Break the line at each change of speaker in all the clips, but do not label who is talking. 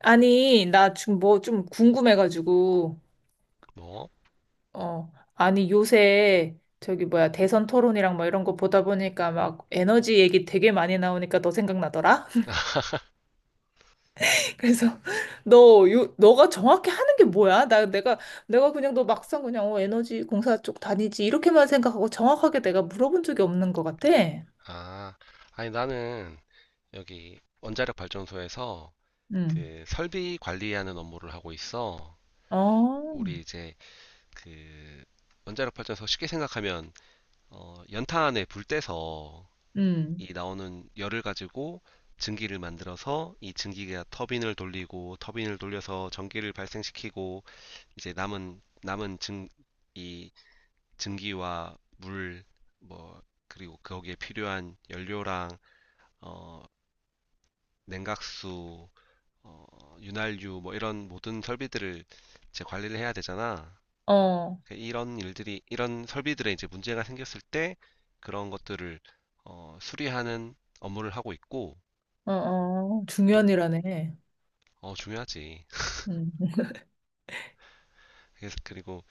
아니, 나 지금 뭐 좀 궁금해가지고,
뭐?
어, 아니, 요새 저기 뭐야, 대선 토론이랑 뭐 이런 거 보다 보니까 막 에너지 얘기 되게 많이 나오니까 너 생각나더라? 그래서 너, 요, 너가 정확히 하는 게 뭐야? 내가 그냥 너 막상 그냥 어, 에너지 공사 쪽 다니지 이렇게만 생각하고 정확하게 내가 물어본 적이 없는 것 같아.
아, 아니 나는 여기 원자력 발전소에서
응.
그 설비 관리하는 업무를 하고 있어.
어,
우리 이제 그 원자력 발전소 쉽게 생각하면 연탄 안에 불 떼서
응.
이 나오는 열을 가지고 증기를 만들어서 이 증기가 터빈을 돌리고 터빈을 돌려서 전기를 발생시키고 이제 이 증기와 물 뭐 그리고 거기에 필요한 연료랑 어, 냉각수, 윤활유 뭐 이런 모든 설비들을 이제 관리를 해야 되잖아.
어,
이런 일들이 이런 설비들에 이제 문제가 생겼을 때 그런 것들을 수리하는 업무를 하고 있고
어, 어,
또
중요한 일하네.
중요하지.
응.
그래서 그리고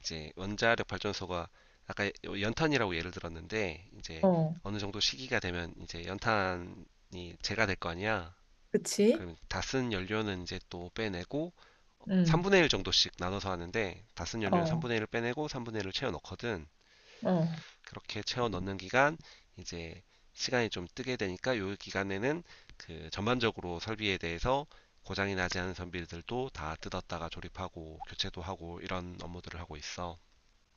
이제 원자력 발전소가 아까 연탄이라고 예를 들었는데 이제
어,
어느 정도 시기가 되면 이제 연탄이 재가 될 거 아니야.
그치?
그럼 다 쓴 연료는 이제 또 빼내고
응.
3분의 1 정도씩 나눠서 하는데 다쓴 연료는
어.
3분의 1을 빼내고 3분의 1을 채워 넣거든.
어.
그렇게 채워 넣는 기간 이제 시간이 좀 뜨게 되니까 요 기간에는 그 전반적으로 설비에 대해서 고장이 나지 않은 선비들도 다 뜯었다가 조립하고 교체도 하고 이런 업무들을 하고 있어.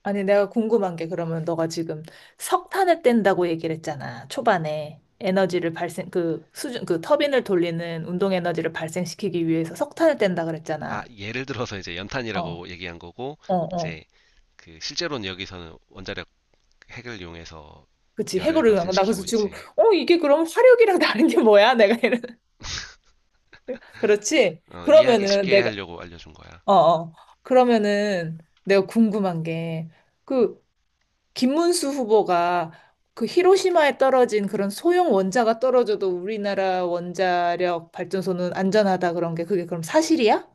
아니, 내가 궁금한 게 그러면 너가 지금 석탄을 뗀다고 얘기를 했잖아. 초반에 에너지를 발생, 그 수준, 그 터빈을 돌리는 운동 에너지를 발생시키기 위해서 석탄을 뗀다
아,
그랬잖아.
예를 들어서 이제
어,
연탄이라고 얘기한 거고
어, 어.
이제 그 실제로는 여기서는 원자력 핵을 이용해서
그치.
열을
해고를 한 거. 나
발생시키고
그래서 지금,
있지.
어, 이게 그럼 화력이랑 다른 게 뭐야? 내가 이런. 그렇지?
이해하기
그러면은
쉽게
내가,
하려고 알려준 거야.
어, 어. 그러면은 내가 궁금한 게, 그 김문수 후보가 그 히로시마에 떨어진 그런 소형 원자가 떨어져도 우리나라 원자력 발전소는 안전하다 그런 게 그게 그럼 사실이야?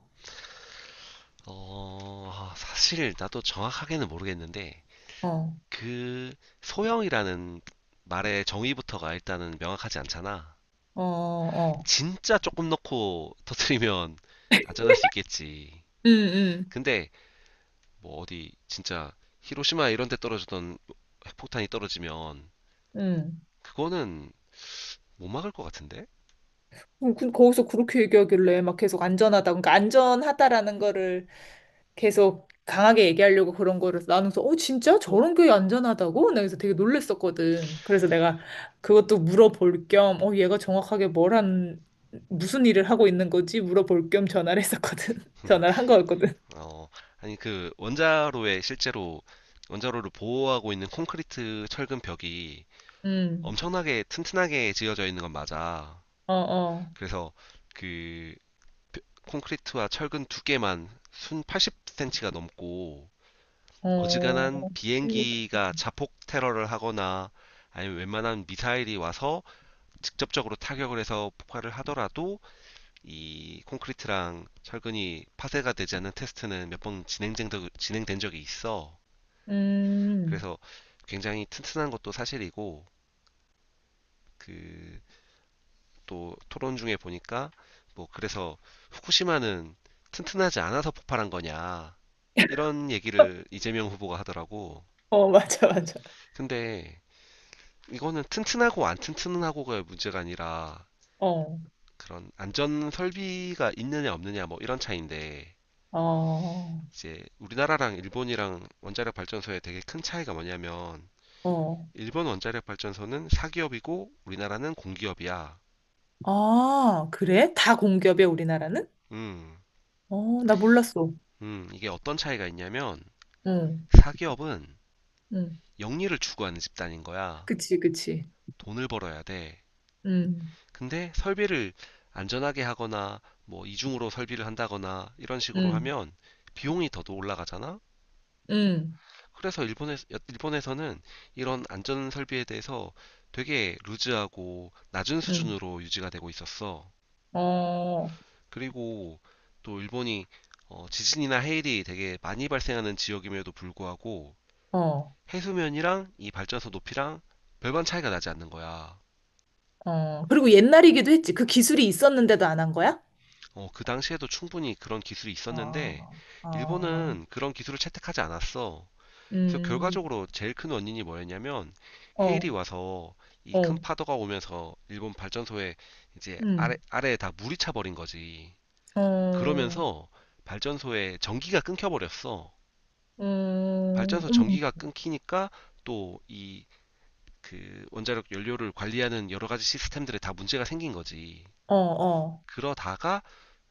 사실 나도 정확하게는 모르겠는데
어,
그 소형이라는 말의 정의부터가 일단은 명확하지 않잖아.
어, 어.
진짜 조금 넣고 터트리면 안전할 수 있겠지.
응, 응,
근데 뭐 어디 진짜 히로시마 이런 데 떨어지던 핵폭탄이 떨어지면
응.
그거는 못 막을 것 같은데?
거기서 그렇게 얘기하길래 막 계속 안전하다. 그러니까 안전하다라는 거를 계속 강하게 얘기하려고 그런 거를 나눠서 어 진짜 저런 게 안전하다고? 나 그래서 되게 놀랬었거든. 그래서 내가 그것도 물어볼 겸 어 얘가 정확하게 뭘 한 무슨 일을 하고 있는 거지? 물어볼 겸 전화를 했었거든. 전화를 한 거였거든.
어, 아니 그 원자로에 실제로 원자로를 보호하고 있는 콘크리트 철근 벽이
음.
엄청나게 튼튼하게 지어져 있는 건 맞아.
어, 어.
그래서 그 콘크리트와 철근 두 개만 순 80cm가 넘고
어.
어지간한
재밌다.
비행기가 자폭 테러를 하거나 아니면 웬만한 미사일이 와서 직접적으로 타격을 해서 폭발을 하더라도 이 콘크리트랑 철근이 파쇄가 되지 않는 테스트는 진행된 적이 있어.
음.
그래서 굉장히 튼튼한 것도 사실이고 그 또 토론 중에 보니까 뭐 그래서 후쿠시마는 튼튼하지 않아서 폭발한 거냐 이런 얘기를 이재명 후보가 하더라고.
어, 맞아, 맞아.
근데 이거는 튼튼하고 안 튼튼하고가 문제가 아니라
어.
그런 안전 설비가 있느냐 없느냐 뭐 이런 차이인데
어.
이제 우리나라랑 일본이랑 원자력 발전소의 되게 큰 차이가 뭐냐면
어.
일본 원자력 발전소는 사기업이고 우리나라는 공기업이야.
아, 그래? 다 공기업이야, 우리나라는?
음,
어, 나 몰랐어.
이게 어떤 차이가 있냐면
응.
사기업은
응.
영리를 추구하는 집단인 거야.
그치, 그치.
돈을 벌어야 돼.
음,
근데 설비를 안전하게 하거나 뭐 이중으로 설비를 한다거나 이런 식으로
음,
하면 비용이 더 올라가잖아.
음,
그래서 일본에서는 이런 안전 설비에 대해서 되게 루즈하고 낮은
음.
수준으로 유지가 되고 있었어.
어,
그리고 또 일본이 지진이나 해일이 되게 많이 발생하는 지역임에도 불구하고
어,
해수면이랑 이 발전소 높이랑 별반 차이가 나지 않는 거야.
어. 그리고 옛날이기도 했지. 그 기술이 있었는데도 안 한 거야?
그 당시에도 충분히 그런 기술이 있었는데,
어, 어,
일본은 그런 기술을 채택하지 않았어. 그래서
음,
결과적으로 제일 큰 원인이 뭐였냐면, 헤일이
어,
와서 이 큰
어,
파도가 오면서 일본 발전소에 이제
음,
아래에 다 물이 차버린 거지.
어,
그러면서 발전소에 전기가 끊겨버렸어.
음,
발전소
음,
전기가 끊기니까 또 이 그 원자력 연료를 관리하는 여러 가지 시스템들에 다 문제가 생긴 거지.
어, 어,
그러다가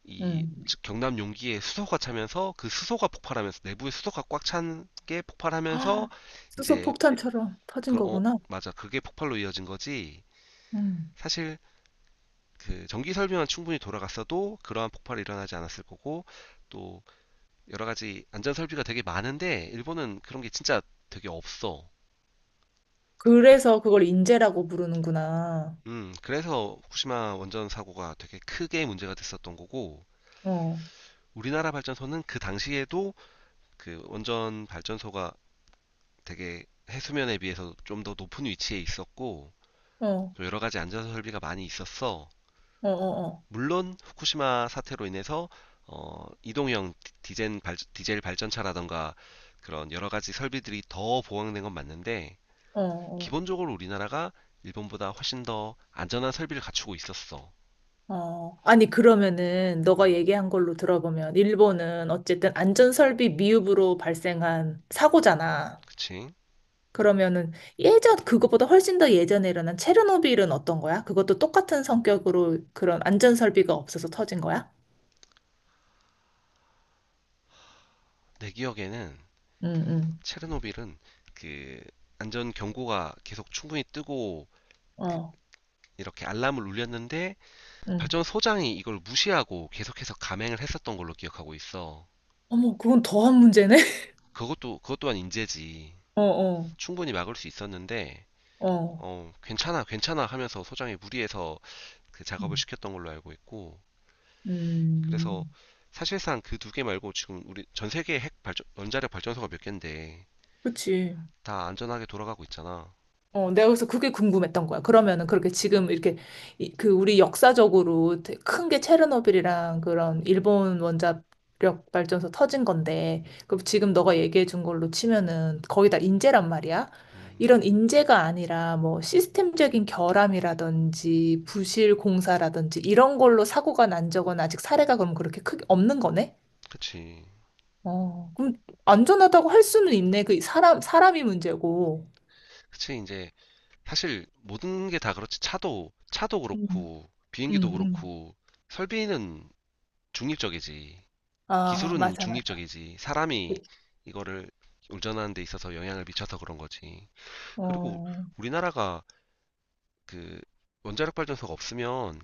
이
음.
경남 용기에 수소가 차면서 그 수소가 폭발하면서 내부에 수소가 꽉 찬 게 폭발하면서
헉, 수소
이제
폭탄처럼 터진
그 어
거구나.
맞아, 그게 폭발로 이어진 거지.
음.
사실 그 전기 설비만 충분히 돌아갔어도 그러한 폭발이 일어나지 않았을 거고 또 여러 가지 안전 설비가 되게 많은데 일본은 그런 게 진짜 되게 없어.
그래서 그걸 인재라고 부르는구나.
음, 그래서 후쿠시마 원전 사고가 되게 크게 문제가 됐었던 거고
어,
우리나라 발전소는 그 당시에도 그 원전 발전소가 되게 해수면에 비해서 좀 더 높은 위치에 있었고
어, 어,
또 여러 가지 안전 설비가 많이 있었어.
어, 어,
물론 후쿠시마 사태로 인해서 이동형 디젤 발전차라던가 그런 여러 가지 설비들이 더 보강된 건 맞는데
어, 어.
기본적으로 우리나라가 일본보다 훨씬 더 안전한 설비를 갖추고 있었어.
어, 아니, 그러면은, 너가
음,
얘기한 걸로 들어보면, 일본은 어쨌든 안전설비 미흡으로 발생한 사고잖아.
그치?
그러면은, 예전, 그거보다 훨씬 더 예전에 일어난 체르노빌은 어떤 거야? 그것도 똑같은 성격으로 그런 안전설비가 없어서 터진 거야?
내 기억에는
응, 응,
체르노빌은 그 안전 경고가 계속 충분히 뜨고 그
어,
이렇게 알람을 울렸는데
응.
발전 소장이 이걸 무시하고 계속해서 감행을 했었던 걸로 기억하고 있어.
어머, 그건 더한 문제네?
그것 또한 인재지.
어, 어,
충분히 막을 수 있었는데,
어.
괜찮아, 괜찮아 하면서 소장이 무리해서 그 작업을
음,
시켰던 걸로 알고 있고, 그래서
음,
사실상 그 두 개 말고 지금 우리 전 세계 원자력 발전소가 몇 개인데
그치.
다 안전하게 돌아가고 있잖아.
어, 내가 그래서 그게 궁금했던 거야. 그러면은 그렇게 지금 이렇게 그 우리 역사적으로 큰 게 체르노빌이랑 그런 일본 원자력 발전소 터진 건데, 그럼 지금 너가 얘기해 준 걸로 치면은 거의 다 인재란 말이야. 이런 인재가 아니라 뭐 시스템적인 결함이라든지 부실 공사라든지 이런 걸로 사고가 난 적은 아직 사례가 그럼 그렇게 크게 없는 거네?
그치.
어, 그럼 안전하다고 할 수는 있네. 그 사람, 사람이 문제고.
그치, 이제, 사실 모든 게 다 그렇지. 차도
음,
그렇고, 비행기도
음, 음.
그렇고, 설비는 중립적이지.
아,
기술은
맞아, 맞아.
중립적이지. 사람이
그치.
이거를 운전하는 데 있어서 영향을 미쳐서 그런 거지. 그리고
어,
우리나라가 그 원자력 발전소가 없으면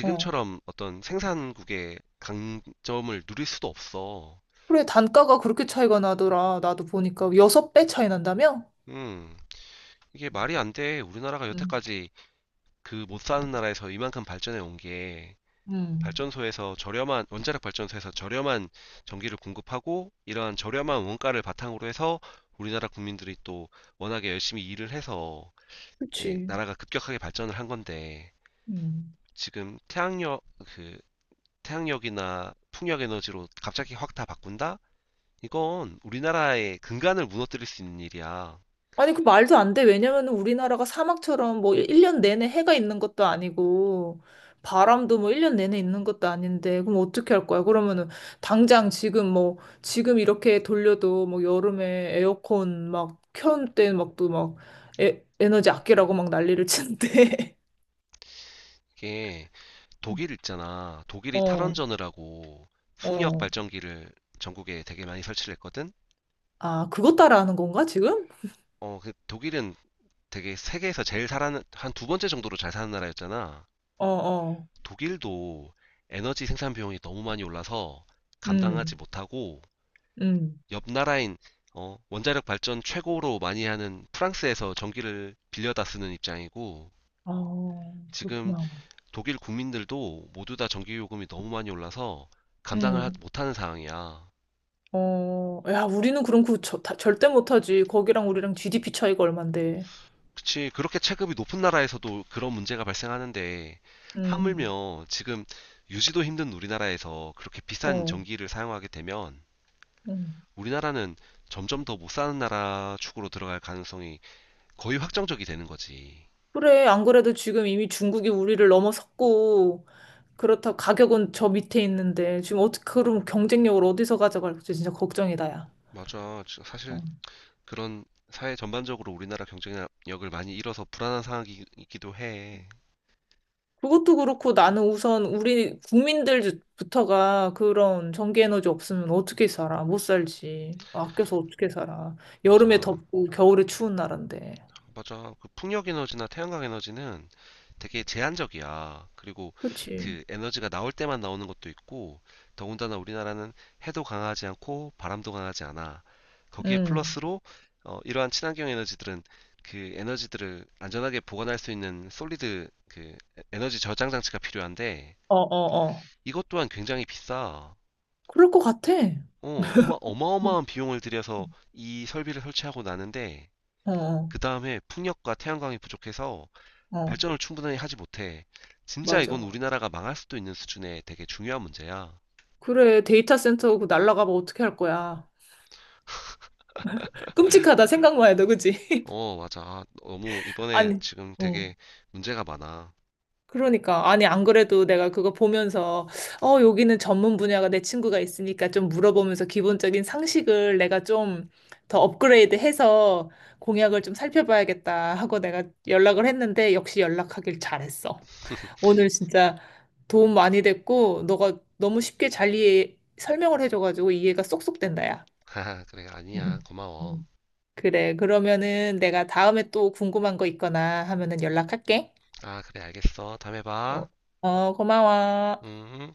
어.
어떤 생산국의 강점을 누릴 수도 없어.
그래, 단가가 그렇게 차이가 나더라. 나도 보니까 여섯 배 차이 난다며?
음, 이게 말이 안 돼. 우리나라가
음,
여태까지 그 못 사는 나라에서 이만큼 발전해 온게
음.
발전소에서 저렴한 원자력 발전소에서 저렴한 전기를 공급하고 이러한 저렴한 원가를 바탕으로 해서 우리나라 국민들이 또 워낙에 열심히 일을 해서 이제
그치.
나라가 급격하게 발전을 한 건데
음.
지금 그 태양력이나 풍력 에너지로 갑자기 확 다 바꾼다? 이건 우리나라의 근간을 무너뜨릴 수 있는 일이야.
아니, 그 말도 안 돼. 왜냐면 우리나라가 사막처럼 뭐 1년 내내 해가 있는 것도 아니고, 바람도 뭐 1년 내내 있는 것도 아닌데, 그럼 어떻게 할 거야? 그러면은, 당장 지금 뭐, 지금 이렇게 돌려도 뭐 여름에 에어컨 막 켠 때 막 또 막 에너지 아끼라고 막 난리를 치는데.
이게 독일 있잖아. 독일이
어.
탈원전을 하고 풍력
어.
발전기를 전국에 되게 많이 설치를 했거든.
아, 그것 따라하는 건가, 지금?
그 독일은 되게 세계에서 제일 살아는 한 두 번째 정도로 잘 사는 나라였잖아.
어, 어.
독일도 에너지 생산 비용이 너무 많이 올라서 감당하지
음,
못하고
음.
옆 나라인 원자력 발전 최고로 많이 하는 프랑스에서 전기를 빌려다 쓰는 입장이고
어,
지금
그렇구나.
독일 국민들도 모두 다 전기 요금이 너무 많이 올라서
음.
못하는 상황이야.
어, 야, 우리는 그럼 그 저, 다, 절대 못하지. 거기랑 우리랑 GDP 차이가 얼만데.
그치. 그렇게 체급이 높은 나라에서도 그런 문제가 발생하는데,
음,
하물며 지금 유지도 힘든 우리나라에서 그렇게 비싼
어,
전기를 사용하게 되면,
음.
우리나라는 점점 더 못 사는 나라 축으로 들어갈 가능성이 거의 확정적이 되는 거지.
그래, 안 그래도 지금 이미 중국이 우리를 넘어섰고, 그렇다 가격은 저 밑에 있는데, 지금 어떻게, 그럼 경쟁력을 어디서 가져갈지 진짜 걱정이다, 야.
맞아. 사실
어.
그런 사회 전반적으로 우리나라 경쟁력을 많이 잃어서 불안한 상황이기도 해.
그것도 그렇고 나는 우선 우리 국민들부터가 그런 전기에너지 없으면 어떻게 살아? 못 살지. 아껴서 어떻게 살아? 여름에
맞아.
덥고 겨울에 추운 나라인데.
맞아. 그 풍력 에너지나 태양광 에너지는 되게 제한적이야. 그리고
그치?
그 에너지가 나올 때만 나오는 것도 있고, 더군다나 우리나라는 해도 강하지 않고 바람도 강하지 않아. 거기에
응.
플러스로 이러한 친환경 에너지들은 그 에너지들을 안전하게 보관할 수 있는 에너지 저장 장치가 필요한데
어, 어, 어.
이것 또한 굉장히 비싸.
그럴 것 같아. 어,
어마어마한 비용을 들여서 이 설비를 설치하고 나는데
어,
그 다음에 풍력과 태양광이 부족해서
어.
발전을 충분히 하지 못해. 진짜 이건
맞아.
우리나라가 망할 수도 있는 수준의 되게 중요한 문제야.
그래, 데이터 센터 그 날라가면 어떻게 할 거야? 끔찍하다, 생각만 해도, 그치?
맞아. 너무 이번에
아니,
지금
어.
되게 문제가 많아.
그러니까 아니 안 그래도 내가 그거 보면서 어 여기는 전문 분야가 내 친구가 있으니까 좀 물어보면서 기본적인 상식을 내가 좀 더 업그레이드해서 공약을 좀 살펴봐야겠다 하고 내가 연락을 했는데 역시 연락하길 잘했어. 오늘 진짜 도움 많이 됐고 너가 너무 쉽게 잘 이해 설명을 해줘가지고 이해가 쏙쏙 된다야.
아, 그래, 아니야.
음.
고마워.
음. 그래 그러면은 내가 다음에 또 궁금한 거 있거나 하면은 연락할게.
아, 그래, 알겠어. 다음에
어,
봐.
어 고마워.
음.